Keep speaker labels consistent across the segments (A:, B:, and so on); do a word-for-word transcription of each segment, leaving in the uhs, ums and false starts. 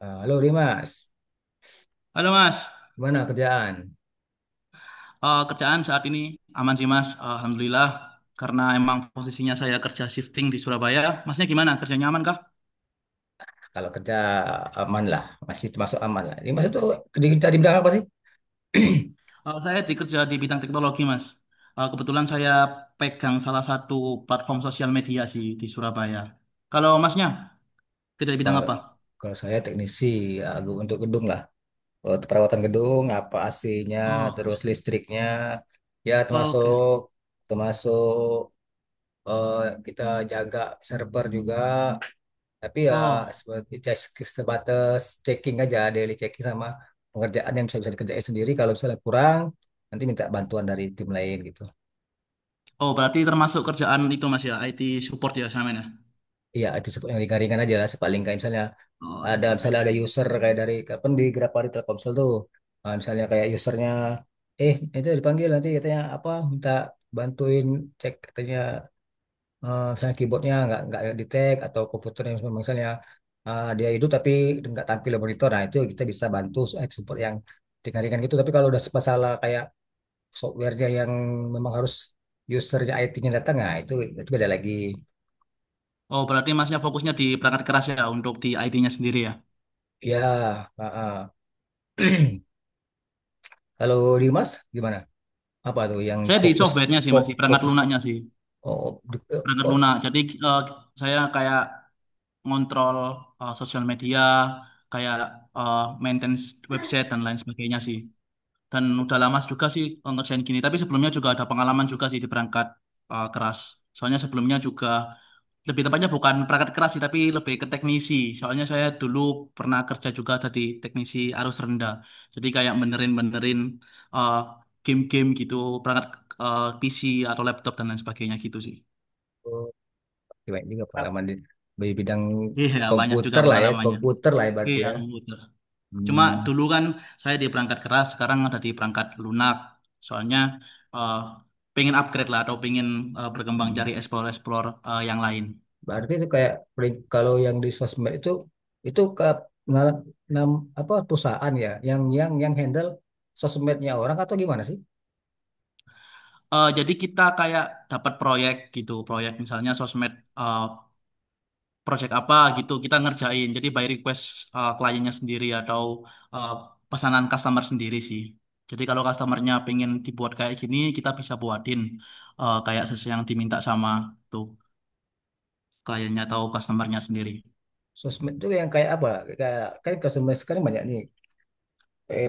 A: Eh, Halo Dimas,
B: Halo Mas.
A: gimana kerjaan?
B: Eh, kerjaan saat ini aman sih Mas, Alhamdulillah. Karena emang posisinya saya kerja shifting di Surabaya. Masnya gimana? Kerjanya aman kah?
A: Kalau kerja aman lah, masih termasuk aman lah. Dimas itu kerja kita di bidang apa sih?
B: Eh, saya dikerja di bidang teknologi Mas. Eh, kebetulan saya pegang salah satu platform sosial media sih di Surabaya. Kalau Masnya kerja di bidang
A: Kalau
B: apa?
A: kalau saya teknisi ya, gu- untuk gedung lah. Eh, perawatan gedung, apa A C-nya,
B: Oh, oke.
A: terus listriknya, ya
B: Oke.
A: termasuk termasuk eh, kita jaga server juga. Tapi ya
B: Oh,
A: seperti cek- sebatas checking aja, daily checking sama pengerjaan yang bisa bisa dikerjain sendiri. Kalau misalnya kurang, nanti minta bantuan dari tim lain gitu.
B: oh berarti termasuk kerjaan itu Mas ya, I T support ya sama ya.
A: Iya, itu sep- yang ringan-ringan aja lah. Sepaling kayak misalnya
B: Oh,
A: ada
B: ringan-ringan.
A: misalnya ada user kayak dari kapan di Grapari Telkomsel tuh. Ah, misalnya kayak usernya, eh itu dipanggil nanti katanya apa minta bantuin cek katanya eh, misalnya keyboardnya nggak nggak di tag atau komputernya misalnya, misalnya ah, dia hidup tapi nggak tampil di monitor. Nah itu kita bisa bantu eh, support yang ringan-ringan gitu. Tapi kalau udah masalah kayak softwarenya yang memang harus usernya I T-nya datang, nah itu itu beda lagi.
B: Oh, berarti Masnya fokusnya di perangkat keras ya untuk di I T-nya sendiri ya.
A: Ya. Kalau Dimas gimana? Apa tuh yang
B: Saya di
A: fokus
B: softwarenya sih
A: fok,
B: masih perangkat
A: fokus
B: lunaknya sih.
A: oh, di- eh,
B: Berangkat
A: oh,
B: lunak. Jadi eh, saya kayak ngontrol eh, sosial media, kayak eh, maintenance website dan lain sebagainya sih. Dan udah lama juga sih eh, ngerjain gini. Tapi sebelumnya juga ada pengalaman juga sih di perangkat eh, keras. Soalnya sebelumnya juga lebih tepatnya bukan perangkat keras sih, tapi lebih ke teknisi. Soalnya saya dulu pernah kerja juga jadi teknisi arus rendah. Jadi kayak benerin-benerin eh, game-game gitu, perangkat eh, P C atau laptop dan lain sebagainya gitu sih.
A: oh, gimana juga pengalaman di, di bidang
B: Iya, banyak juga
A: komputer lah ya,
B: pengalamannya.
A: komputer lah ya berarti
B: Iya,
A: ya.
B: komputer. Cuma
A: Hmm,
B: dulu kan saya di perangkat keras, sekarang ada di perangkat lunak. Soalnya eh, pengen upgrade lah atau pengen eh, berkembang
A: hmm.
B: cari explore-explore eh, yang lain.
A: Berarti itu kayak peri- kalau yang di sosmed itu itu ke ngal- nam, apa perusahaan ya yang yang yang handle sosmednya orang atau gimana sih?
B: Eh, jadi kita kayak dapat proyek gitu, proyek misalnya sosmed eh, project apa gitu kita ngerjain. Jadi by request eh, kliennya sendiri atau eh, pesanan customer sendiri sih. Jadi kalau customernya pengen dibuat kayak gini, kita bisa buatin eh, kayak sesuai yang diminta sama tuh. Kliennya atau customernya sendiri.
A: Sosmed itu yang kayak apa? Kayak kan ke sosmed sekarang banyak nih, eh,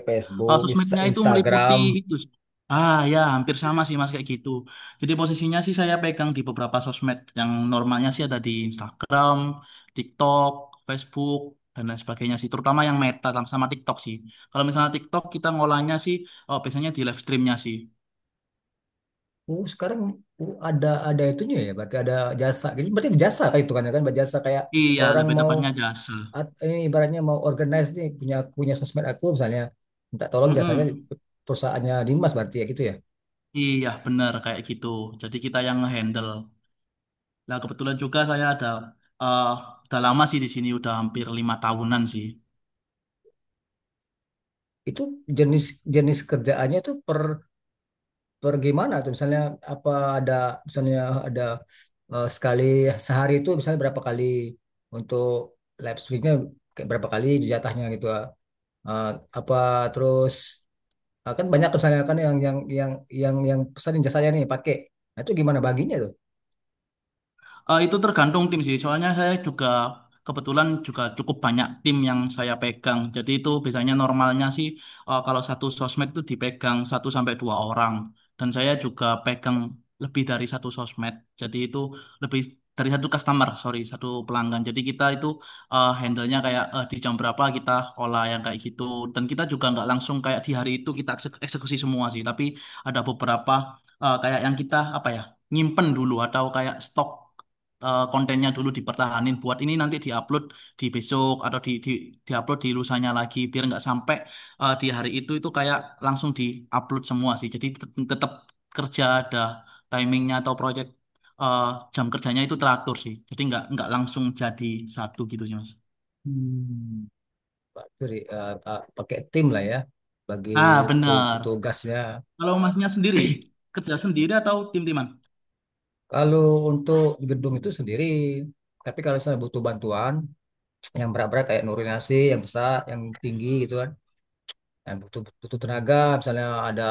B: Eh,
A: Facebook, Insta-
B: sosmednya itu meliputi
A: Instagram.
B: itu. Ah ya, hampir sama sih Mas kayak gitu. Jadi posisinya sih saya pegang di beberapa sosmed yang normalnya sih ada di Instagram, TikTok, Facebook dan lain sebagainya sih, terutama yang Meta sama TikTok sih. Kalau misalnya TikTok kita ngolahnya sih oh, biasanya di live streamnya sih.
A: Oh, sekarang oh, ada ada itunya ya, berarti ada jasa. Jadi berarti jasa kayak itu kan ya kan berjasa kayak
B: Iya,
A: orang
B: lebih
A: mau
B: tepatnya jasa.
A: at- ini ibaratnya mau organize nih punya punya sosmed aku misalnya minta tolong jasanya di-
B: Mm-mm.
A: perusahaannya Dimas berarti ya gitu ya.
B: Iya, benar kayak gitu. Jadi kita yang ngehandle. Nah, kebetulan juga saya ada eh udah lama sih di sini, udah hampir lima tahunan sih.
A: Itu jenis jenis kerjaannya itu per per gimana tuh misalnya apa ada misalnya ada eh, sekali sehari itu misalnya berapa kali untuk live streamnya kayak berapa kali jatahnya gitu. eh, apa terus, Ah, kan banyak tuh misalnya kan yang yang yang yang yang pesan jasanya nih pakai. Nah, itu gimana baginya tuh?
B: Eh, itu tergantung tim sih. Soalnya saya juga kebetulan juga cukup banyak tim yang saya pegang. Jadi itu biasanya normalnya sih eh, kalau satu sosmed itu dipegang satu sampai dua orang. Dan saya juga pegang lebih dari satu sosmed. Jadi itu lebih dari satu customer, sorry, satu pelanggan. Jadi kita itu eh, handle-nya kayak eh, di jam berapa kita olah yang kayak gitu. Dan kita juga nggak langsung kayak di hari itu kita ekse- eksekusi semua sih. Tapi ada beberapa eh, kayak yang kita apa ya nyimpen dulu atau kayak stok eh, kontennya dulu dipertahanin buat ini nanti diupload di besok atau di, di diupload di lusanya lagi biar nggak sampai eh, di hari itu itu kayak langsung diupload semua sih. Jadi tet- tetap kerja ada timingnya atau project eh, jam kerjanya itu teratur sih. Jadi nggak nggak langsung jadi satu gitu sih mas.
A: Hmm. Pak, sorry, eh, eh, pakai tim lah ya bagi
B: Ah
A: tu-
B: benar.
A: tugasnya.
B: Kalau masnya sendiri kerja sendiri atau tim-timan?
A: Kalau untuk gedung itu sendiri, tapi kalau misalnya butuh bantuan yang berat-berat kayak nasi yang besar, yang tinggi gitu kan, yang butuh butuh tenaga, misalnya ada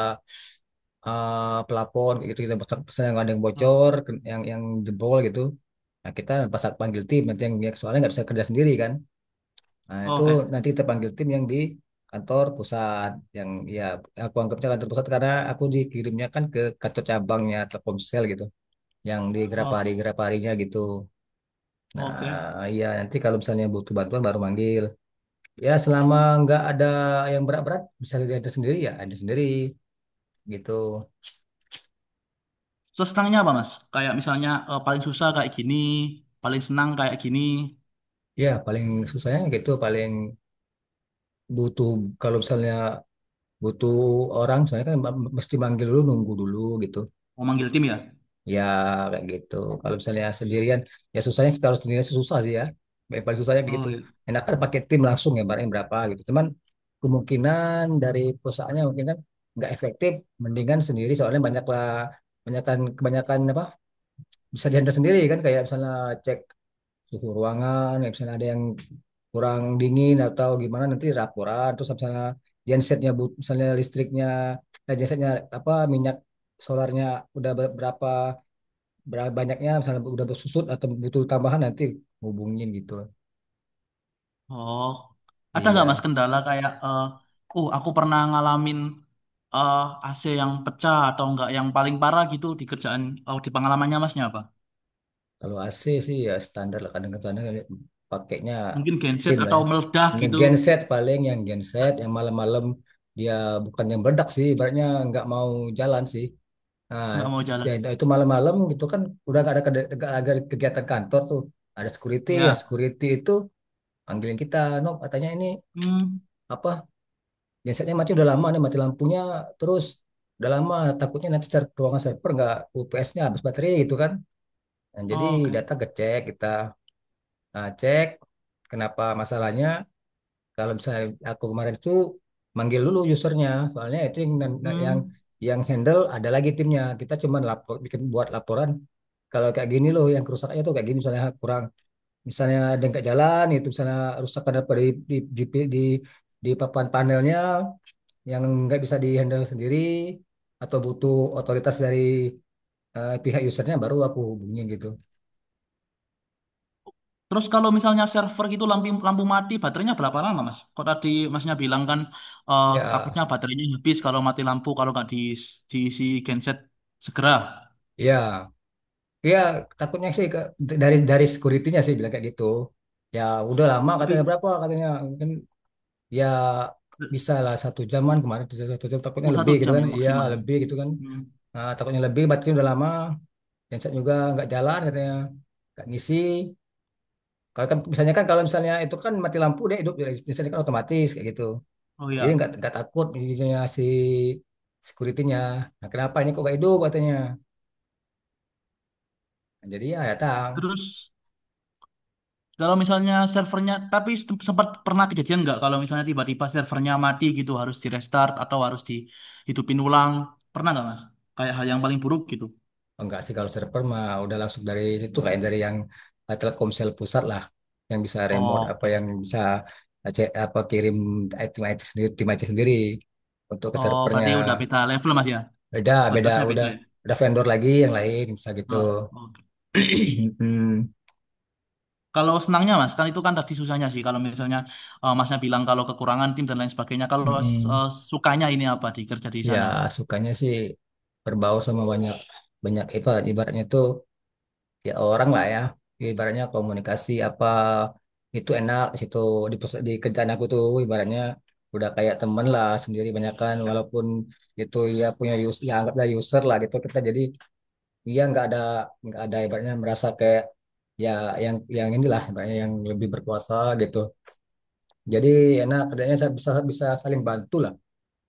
A: eh, pelapon gitu, kita pesan, pesan yang ada yang
B: Oh,
A: bocor, yang yang jebol gitu. Nah kita pas panggil tim nanti, yang yang soalnya nggak bisa kerja sendiri kan. Nah, itu
B: oke.
A: nanti kita panggil tim yang di kantor pusat, yang, ya aku anggapnya kantor pusat, karena aku dikirimnya kan ke kantor cabangnya Telkomsel gitu, yang di Grapari
B: Oh,
A: Graparinya gitu.
B: oke.
A: Nah, ya nanti kalau misalnya butuh bantuan baru manggil. Ya selama nggak ada yang berat-berat bisa ada sendiri, ya ada sendiri gitu.
B: Terus senangnya apa mas? Kayak misalnya eh, paling susah kayak gini, paling senang kayak gini.
A: Ya paling susahnya gitu paling butuh, kalau misalnya butuh orang misalnya kan mesti manggil dulu nunggu dulu gitu.
B: Mau manggil tim ya?
A: Ya kayak gitu. Kalau misalnya sendirian, ya susahnya sih kalau sendirian sih susah sih ya. Yang paling susahnya kayak gitu.
B: Oh, iya.
A: Enakan pakai tim langsung ya barangnya berapa gitu. Cuman kemungkinan dari perusahaannya mungkin kan nggak efektif. Mendingan sendiri soalnya banyak lah kebanyakan kebanyakan apa bisa dihandle sendiri kan, kayak misalnya cek suhu ruangan, ya misalnya ada yang kurang dingin atau gimana nanti raporan. Terus misalnya gensetnya bu- misalnya listriknya, eh, gensetnya apa minyak solarnya udah ber- berapa berapa banyaknya, misalnya udah bersusut atau butuh tambahan nanti hubungin gitu.
B: Oh. Ada nggak Mas
A: Iya,
B: kendala kayak, eh oh aku pernah ngalamin eh A C yang pecah atau enggak yang paling parah gitu di kerjaan, oh, di pengalamannya Masnya apa?
A: kalau A C sih ya standar lah kadang-kadang pakainya
B: Mungkin genset
A: tim lah
B: atau
A: ya.
B: meledak
A: Nah,
B: gitu,
A: genset paling yang genset yang malam-malam dia bukan yang berdak sih, ibaratnya nggak mau jalan sih. Nah,
B: nggak mau jalan.
A: dia- itu malam-malam gitu kan udah nggak ada, kede- nggak ada kegiatan kantor tuh. Ada security, ya
B: Ya.
A: security itu panggilin kita, Nob, katanya ini
B: Hmm.
A: apa gensetnya mati, udah lama nih mati lampunya, terus udah lama takutnya nanti ser- ruangan server nggak U P S-nya habis baterai gitu kan. Nah, jadi
B: Oh, oke.
A: data ngecek kita. Nah, cek kenapa masalahnya. Kalau misalnya aku kemarin itu manggil dulu usernya, soalnya itu yang yang
B: Hmm.
A: yang handle ada lagi timnya, kita cuman lapor bikin buat laporan kalau kayak gini loh yang kerusakannya tuh kayak gini, misalnya kurang, misalnya dengkak jalan itu misalnya rusak, ada apa di di, di, di di papan panelnya yang nggak bisa dihandle sendiri atau butuh otoritas dari eh, pihak usernya baru aku hubungin gitu.
B: Terus kalau misalnya server gitu lampu lampu mati, baterainya berapa lama, Mas? Kok tadi Masnya bilang kan eh
A: Ya,
B: takutnya baterainya habis kalau mati lampu kalau nggak di diisi genset segera.
A: ya, ya, takutnya sih ke- dari dari security-nya sih bilang kayak gitu. Ya udah lama, katanya
B: Tapi
A: berapa, katanya mungkin ya bisa lah satu jaman, kemarin satu satu jam takutnya
B: oh, satu
A: lebih gitu
B: jam
A: kan.
B: ya
A: Iya
B: maksimal.
A: lebih gitu kan.
B: Hmm.
A: Nah, takutnya lebih baterainya udah lama, genset juga nggak jalan katanya, nggak ngisi. Kalau kan misalnya kan kalau misalnya itu kan mati lampu deh, hidup, ya, misalnya kan otomatis kayak gitu.
B: Oh
A: Jadi nggak
B: ya.
A: nggak takut ininya si security-nya. Nah, kenapa ini kok gak hidup katanya. Nah, jadi ya datang.
B: Terus kalau misalnya servernya, tapi sem- sempat pernah kejadian nggak kalau misalnya tiba-tiba servernya mati gitu harus di restart atau harus dihidupin ulang? Pernah nggak mas? Kayak hal yang paling buruk gitu.
A: Oh, enggak sih. Kalau server mah udah langsung dari situ kayak dari yang eh, Telkomsel pusat lah, yang bisa remote apa yang
B: Oke.
A: bisa eh, cek apa kirim tim I T sendiri, tim I T sendiri untuk ke
B: Oh,
A: servernya.
B: berarti udah beda level mas ya?
A: Beda, beda
B: Batasnya beda
A: udah
B: ya?
A: udah vendor lagi yang lain bisa gitu.
B: Oh, oke.
A: Hmm.
B: Kalau senangnya mas, kan itu kan tadi susahnya sih. Kalau misalnya eh, masnya bilang kalau kekurangan tim dan lain sebagainya. Kalau
A: Mm-mm.
B: eh, sukanya ini apa di kerja di
A: Ya
B: sana mas?
A: sukanya sih berbau sama banyak banyak, ibarat ibaratnya itu ya orang lah ya, ibaratnya komunikasi apa itu enak di situ, di, pers- di kerjaan aku tuh ibaratnya udah kayak temen lah sendiri banyak kan, walaupun itu ya punya us ya anggaplah user lah gitu, kita jadi ya nggak ada nggak ada ibaratnya merasa kayak ya yang yang inilah ibaratnya yang lebih berkuasa gitu. Jadi enak kerjanya, sa- bisa bisa saling bantu lah,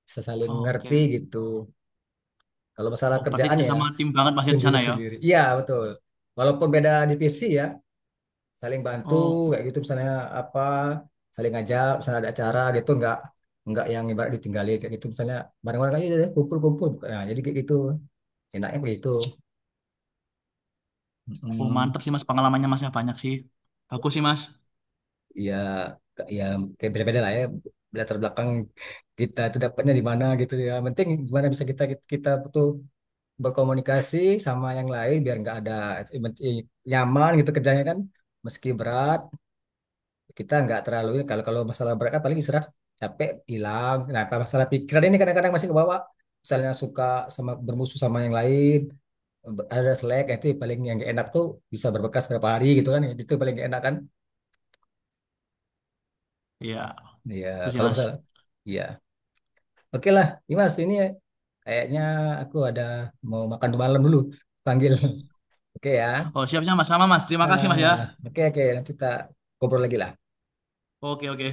A: bisa saling
B: Oke.
A: ngerti gitu kalau masalah
B: Oh, berarti
A: kerjaan
B: kerja
A: ya.
B: sama tim banget masnya di
A: Sendiri
B: sana ya?
A: sendiri iya betul, walaupun beda divisi ya saling bantu,
B: Oh,
A: kayak gitu misalnya apa saling ngajak, misalnya ada acara gitu nggak nggak yang ibarat ditinggalin, kayak gitu misalnya bareng-bareng aja deh kumpul-kumpul. Nah, jadi kayak gitu enaknya begitu.
B: oh
A: Mm,
B: mantap sih mas, pengalamannya masnya banyak sih. Aku sih mas,
A: ya ya kayak beda-beda lah ya latar belakang kita itu dapatnya di mana gitu ya. Yang penting gimana bisa kita kita tuh berkomunikasi sama yang lain biar nggak ada eh, nyaman gitu kerjanya kan, meski berat kita nggak terlalu ini. Kalau kalau masalah berat kan paling istirahat capek hilang, nah apa masalah pikiran ini kadang-kadang masih kebawa, misalnya suka sama bermusuh sama yang lain, ber- ada selek, nah itu paling yang nggak enak tuh, bisa berbekas berapa hari gitu kan, itu paling gak enak kan.
B: iya,
A: Ya
B: itu sih
A: kalau
B: mas.
A: masalah, iya oke lah Dimas, ini kayaknya aku ada mau makan malam dulu panggil. Oke ya.
B: Oh siap siap mas, sama mas. Terima kasih mas ya.
A: Ah, oke oke, nanti kita ngobrol lagi lah.
B: Oke oke.